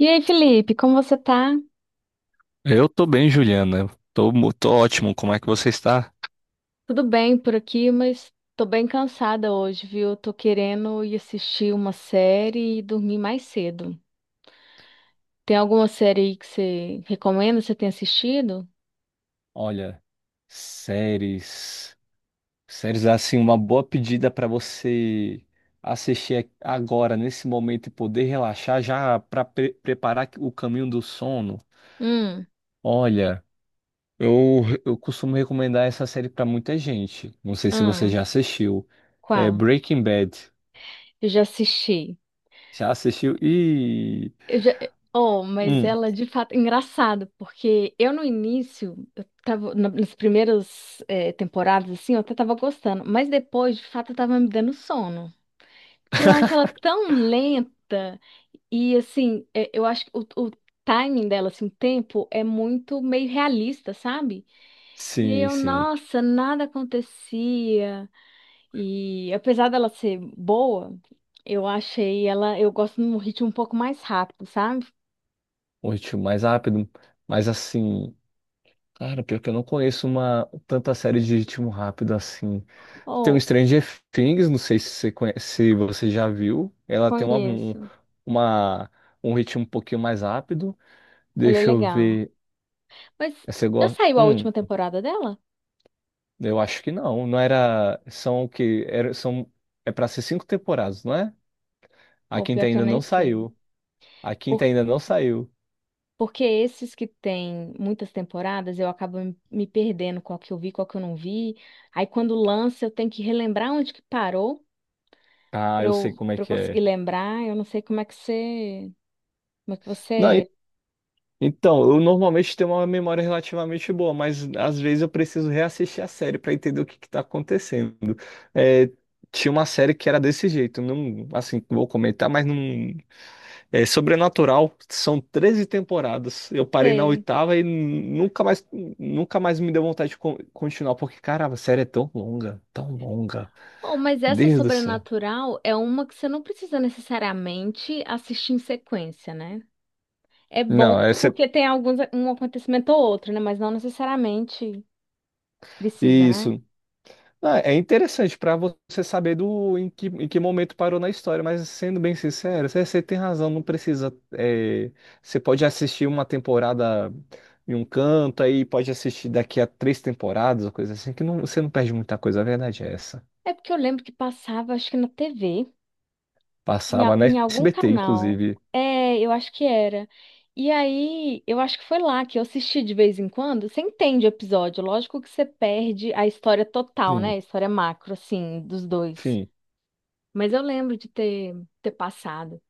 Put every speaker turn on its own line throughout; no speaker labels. E aí, Felipe, como você tá?
Eu tô bem, Juliana. Tô ótimo. Como é que você está?
Tudo bem por aqui, mas tô bem cansada hoje, viu? Tô querendo ir assistir uma série e dormir mais cedo. Tem alguma série aí que você recomenda, você tem assistido?
Olha, séries. Séries é assim, uma boa pedida para você assistir agora, nesse momento, e poder relaxar, já para preparar o caminho do sono.
Hum,
Olha, eu costumo recomendar essa série para muita gente. Não sei se você
ah,
já assistiu. É
qual?
Breaking Bad.
Eu já assisti.
Já assistiu? E.
Eu já... Oh, mas
Hum.
ela de fato é engraçado, porque eu no início, eu tava nas primeiras temporadas assim, eu até tava gostando, mas depois de fato eu tava me dando sono. Que eu acho ela tão lenta e assim, eu acho que o timing dela, assim, o tempo é muito meio realista, sabe? E aí
Sim,
eu,
sim.
nossa, nada acontecia. E apesar dela ser boa, eu achei ela, eu gosto de um ritmo um pouco mais rápido, sabe?
Um mais rápido, mas assim. Cara, pior que eu não conheço uma tanta série de ritmo rápido assim. Tem o
Ou
Stranger Things, não sei se você conhece, se você já viu. Ela tem
conheço.
uma- um ritmo um pouquinho mais rápido.
Ela é
Deixa eu
legal.
ver.
Mas
Você
já
gosta?
saiu a
Hum,
última temporada dela?
eu acho que não. Não era. São o quê? É pra ser cinco temporadas, não é? A
Ou
quinta
pior que eu
ainda
nem
não
sei.
saiu. A quinta ainda não saiu.
Porque esses que têm muitas temporadas, eu acabo me perdendo qual que eu vi, qual que eu não vi. Aí quando lança, eu tenho que relembrar onde que parou
Ah,
para
eu sei
eu,
como é
para eu
que
conseguir
é.
lembrar. Eu não sei como é que você, como é que você
Não,
é.
então, eu normalmente tenho uma memória relativamente boa, mas às vezes eu preciso reassistir a série para entender o que que tá acontecendo. É, tinha uma série que era desse jeito, não, assim, vou comentar, mas não, é Sobrenatural, são 13 temporadas. Eu parei na
Sei.
oitava e nunca mais, nunca mais me deu vontade de continuar, porque caramba, a série é tão longa, tão longa.
Bom, mas essa
Deus do céu.
sobrenatural é uma que você não precisa necessariamente assistir em sequência, né? É bom
Não,
porque tem alguns um acontecimento ou outro, né? Mas não necessariamente precisa, né?
isso. Ah, é interessante para você saber do em que momento parou na história, mas sendo bem sincero, você tem razão, não precisa. Você pode assistir uma temporada em um canto, aí pode assistir daqui a três temporadas, ou coisa assim, que não, você não perde muita coisa, a verdade é essa.
É porque eu lembro que passava, acho que na TV. Em,
Passava na
em algum
SBT,
canal.
inclusive.
É, eu acho que era. E aí, eu acho que foi lá que eu assisti de vez em quando. Você entende o episódio, lógico que você perde a história total, né?
Sim.
A história macro, assim, dos dois.
Enfim.
Mas eu lembro de ter, ter passado.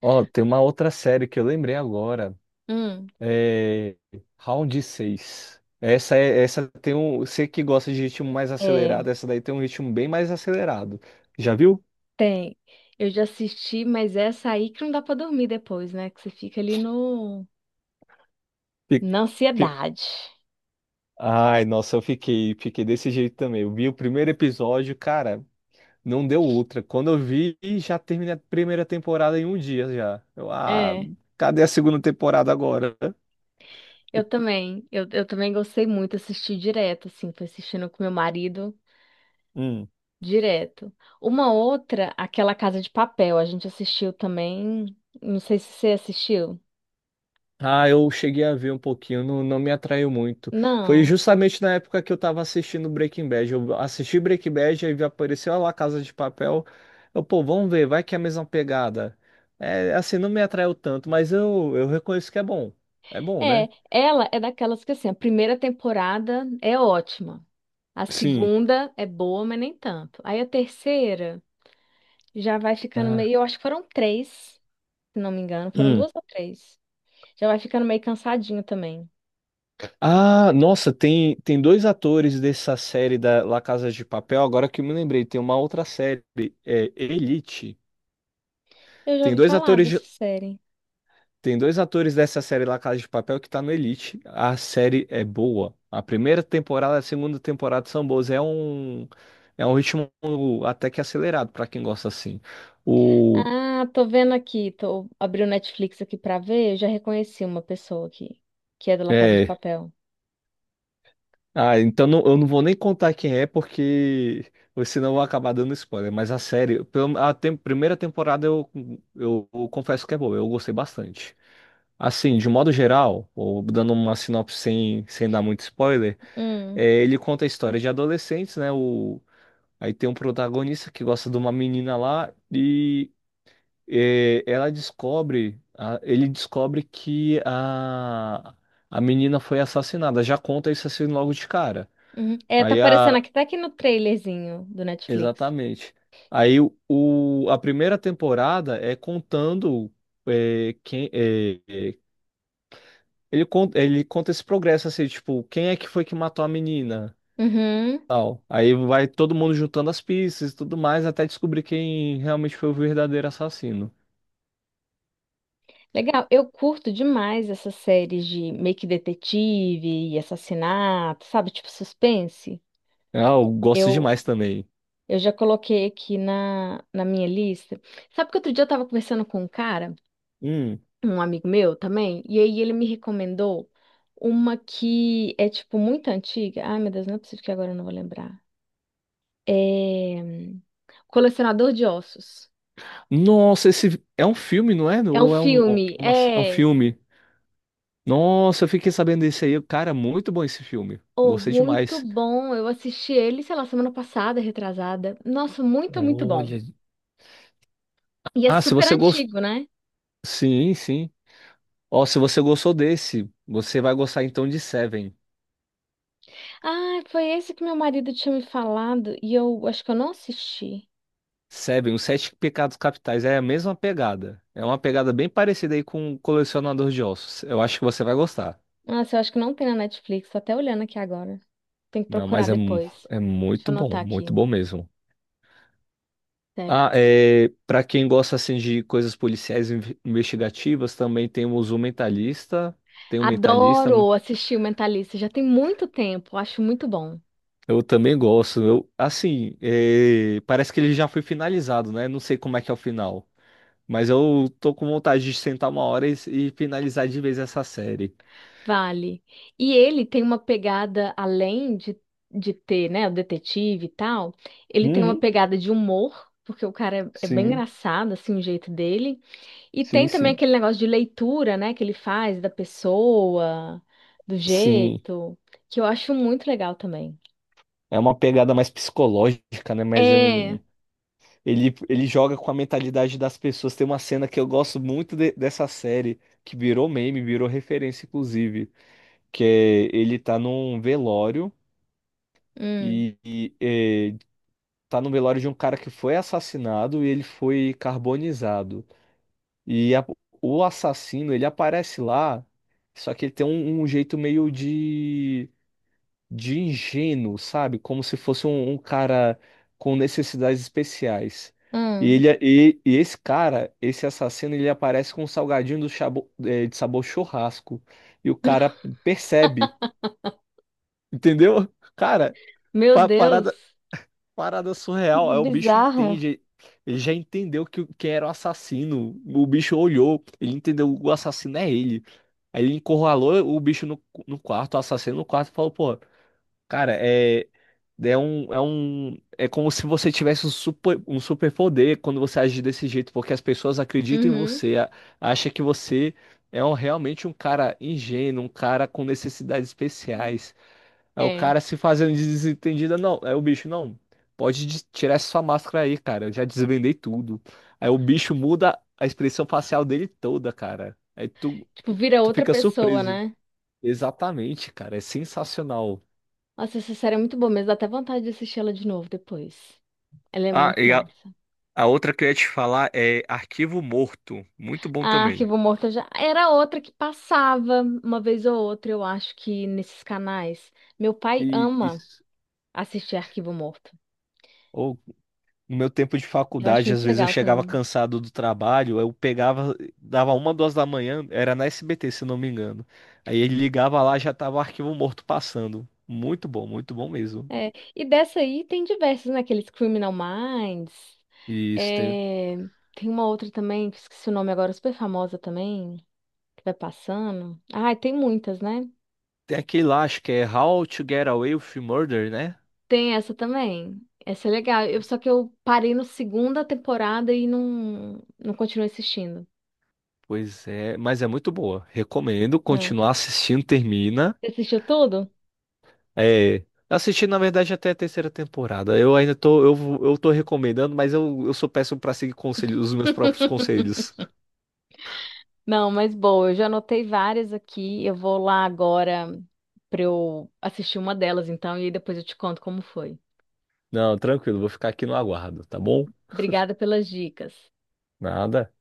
Ó, tem uma outra série que eu lembrei agora.
Hum.
É, Round 6. Essa tem um, você que gosta de ritmo mais
É,
acelerado, essa daí tem um ritmo bem mais acelerado. Já viu?
tem. Eu já assisti, mas essa aí que não dá pra dormir depois, né? Que você fica ali no,
Fi-
na
fi-
ansiedade.
Ai, nossa, eu fiquei desse jeito também. Eu vi o primeiro episódio, cara, não deu outra. Quando eu vi, já terminei a primeira temporada em um dia já.
É.
Cadê a segunda temporada agora?
Eu também, eu também gostei muito, assisti direto, assim, fui assistindo com meu marido.
Hum.
Direto. Uma outra, aquela Casa de Papel, a gente assistiu também. Não sei se você assistiu.
Ah, eu cheguei a ver um pouquinho, não me atraiu muito. Foi
Não.
justamente na época que eu tava assistindo Breaking Bad. Eu assisti Breaking Bad, aí apareceu lá Casa de Papel. Eu, pô, vamos ver, vai que é a mesma pegada. É, assim, não me atraiu tanto, mas eu reconheço que é bom. É bom,
É,
né?
ela é daquelas que assim, a primeira temporada é ótima. A
Sim.
segunda é boa, mas nem tanto. Aí a terceira já vai ficando
Ah,
meio, eu acho que foram três, se não me engano, foram
hum.
duas ou três. Já vai ficando meio cansadinho também.
Ah, nossa, tem dois atores dessa série da La Casa de Papel. Agora que eu me lembrei, tem uma outra série, é Elite.
Eu já
Tem
ouvi
dois
falar
atores
dessa série.
Tem dois atores dessa série La Casa de Papel que tá no Elite. A série é boa. A primeira temporada e a segunda temporada são boas. É um ritmo até que acelerado pra quem gosta assim. O,
Ah, tô vendo aqui, tô abriu o Netflix aqui pra ver, eu já reconheci uma pessoa aqui, que é do La Casa de
é,
Papel.
então eu não vou nem contar quem é, porque senão eu vou acabar dando spoiler. Mas a série, primeira temporada eu confesso que é boa. Eu gostei bastante. Assim, de modo geral, ou dando uma sinopse sem dar muito spoiler.
Hum,
É, ele conta a história de adolescentes, né? Aí tem um protagonista que gosta de uma menina lá e ele descobre que a a... menina foi assassinada. Já conta isso assim logo de cara.
uhum. É, tá
Aí
aparecendo
a...
aqui, tá aqui no trailerzinho do Netflix.
Exatamente. A primeira temporada é contando, é, quem... é, é, ele conta, ele conta esse progresso, assim, tipo, quem é que foi que matou a menina?
Uhum.
Tal. Aí vai todo mundo juntando as pistas e tudo mais até descobrir quem realmente foi o verdadeiro assassino.
Legal, eu curto demais essas séries de meio que detetive e assassinato, sabe? Tipo suspense.
Eu gosto
Eu,
demais também.
eu já coloquei aqui na minha lista. Sabe que outro dia eu tava conversando com um cara,
Hum.
um amigo meu também, e aí ele me recomendou uma que é, tipo, muito antiga. Ai, meu Deus, não é possível que agora eu não vou lembrar. É... Colecionador de Ossos.
Nossa, esse é um filme, não é?
É um
Ou
filme,
é um
é...
filme? Nossa, eu fiquei sabendo desse aí. Cara, muito bom esse filme.
Oh,
Gostei
muito
demais.
bom. Eu assisti ele, sei lá, semana passada, retrasada. Nossa, muito, muito bom.
Olha.
E é
Ah, se
super
você gostou.
antigo, né?
Sim, sim. Ó, se você gostou desse, você vai gostar então de Seven.
Ah, foi esse que meu marido tinha me falado e eu acho que eu não assisti.
Seven, os Sete Pecados Capitais é a mesma pegada. É uma pegada bem parecida aí com o Colecionador de Ossos. Eu acho que você vai gostar.
Nossa, eu acho que não tem na Netflix. Tô até olhando aqui agora. Tem que
Não,
procurar
mas
depois.
é
Deixa eu anotar
muito
aqui.
bom mesmo. Ah, é, para quem gosta assim de coisas policiais e investigativas, também temos o Mentalista. Tem o Mentalista.
Adoro assistir o Mentalista, já tem muito tempo, acho muito bom.
Eu também gosto. Eu, assim, parece que ele já foi finalizado, né? Não sei como é que é o final. Mas eu tô com vontade de sentar uma hora e finalizar de vez essa série.
Vale. E ele tem uma pegada, além de ter, né, o detetive e tal, ele tem uma
Uhum,
pegada de humor, porque o cara é bem
sim.
engraçado, assim, o jeito dele. E tem
Sim,
também
sim,
aquele negócio de leitura, né, que ele faz da pessoa, do
sim.
jeito, que eu acho muito legal também.
É uma pegada mais psicológica, né? Mas é
É.
um. Ele joga com a mentalidade das pessoas. Tem uma cena que eu gosto muito dessa série, que virou meme, virou referência, inclusive. Que é ele tá num velório
Hum.
e, e é, tá no velório de um cara que foi assassinado e ele foi carbonizado. E a- o assassino, ele aparece lá, só que ele tem um jeito meio de ingênuo, sabe? Como se fosse um cara com necessidades especiais. E,
Hum.
ele, é, e esse cara, esse assassino, ele aparece com um salgadinho de sabor churrasco. E o cara percebe, entendeu? Cara,
Meu
pa- parada,
Deus.
parada surreal.
Coisa
Aí o bicho
Bizarra.
entende. Ele já entendeu que quem era o assassino. O bicho olhou, ele entendeu, o assassino é ele. Aí ele encurralou o bicho no quarto, o assassino no quarto, e falou, pô, cara, é como se você tivesse um super poder quando você age desse jeito, porque as pessoas acreditam em
Uhum.
você, acha que você é realmente um cara ingênuo, um cara com necessidades especiais. Aí o
É.
cara se fazendo de desentendido, não, é o bicho, não, pode tirar essa sua máscara aí, cara, eu já desvendei tudo. Aí o bicho muda a expressão facial dele toda, cara. Aí tu,
Tipo, vira
tu
outra
fica
pessoa,
surpreso.
né?
Exatamente, cara, é sensacional.
Nossa, essa série é muito boa mesmo. Dá até vontade de assistir ela de novo depois. Ela é
Ah,
muito
e
massa.
a outra que eu ia te falar é Arquivo Morto. Muito bom
Ah,
também.
Arquivo Morto eu já era outra que passava uma vez ou outra, eu acho que nesses canais. Meu pai ama
Isso.
assistir Arquivo Morto.
Ou no meu tempo de
Eu acho
faculdade, às
muito
vezes eu
legal
chegava
também.
cansado do trabalho, eu pegava, dava uma, 2 da manhã, era na SBT, se não me engano. Aí ele ligava lá, já tava o arquivo morto passando. Muito bom mesmo.
É. E dessa aí tem diversos, né? Aqueles Criminal Minds.
Isso, tem,
É, tem uma outra também, que esqueci o nome agora, super famosa também, que vai passando. Ah, tem muitas, né?
tem aquele lá, acho que é How to Get Away with Murder, né?
Tem essa também. Essa é legal. Eu, só que eu parei na segunda temporada e não, não continuei assistindo.
Pois é, mas é muito boa. Recomendo
Né?
continuar assistindo, termina.
Você assistiu tudo?
É, assisti na verdade até a terceira temporada. Eu ainda tô, eu tô recomendando, mas eu sou péssimo pra seguir conselhos, os meus próprios conselhos.
Não, mas boa, eu já anotei várias aqui. Eu vou lá agora pra eu assistir uma delas, então, e aí depois eu te conto como foi.
Não, tranquilo, vou ficar aqui no aguardo, tá bom?
Obrigada pelas dicas.
Nada.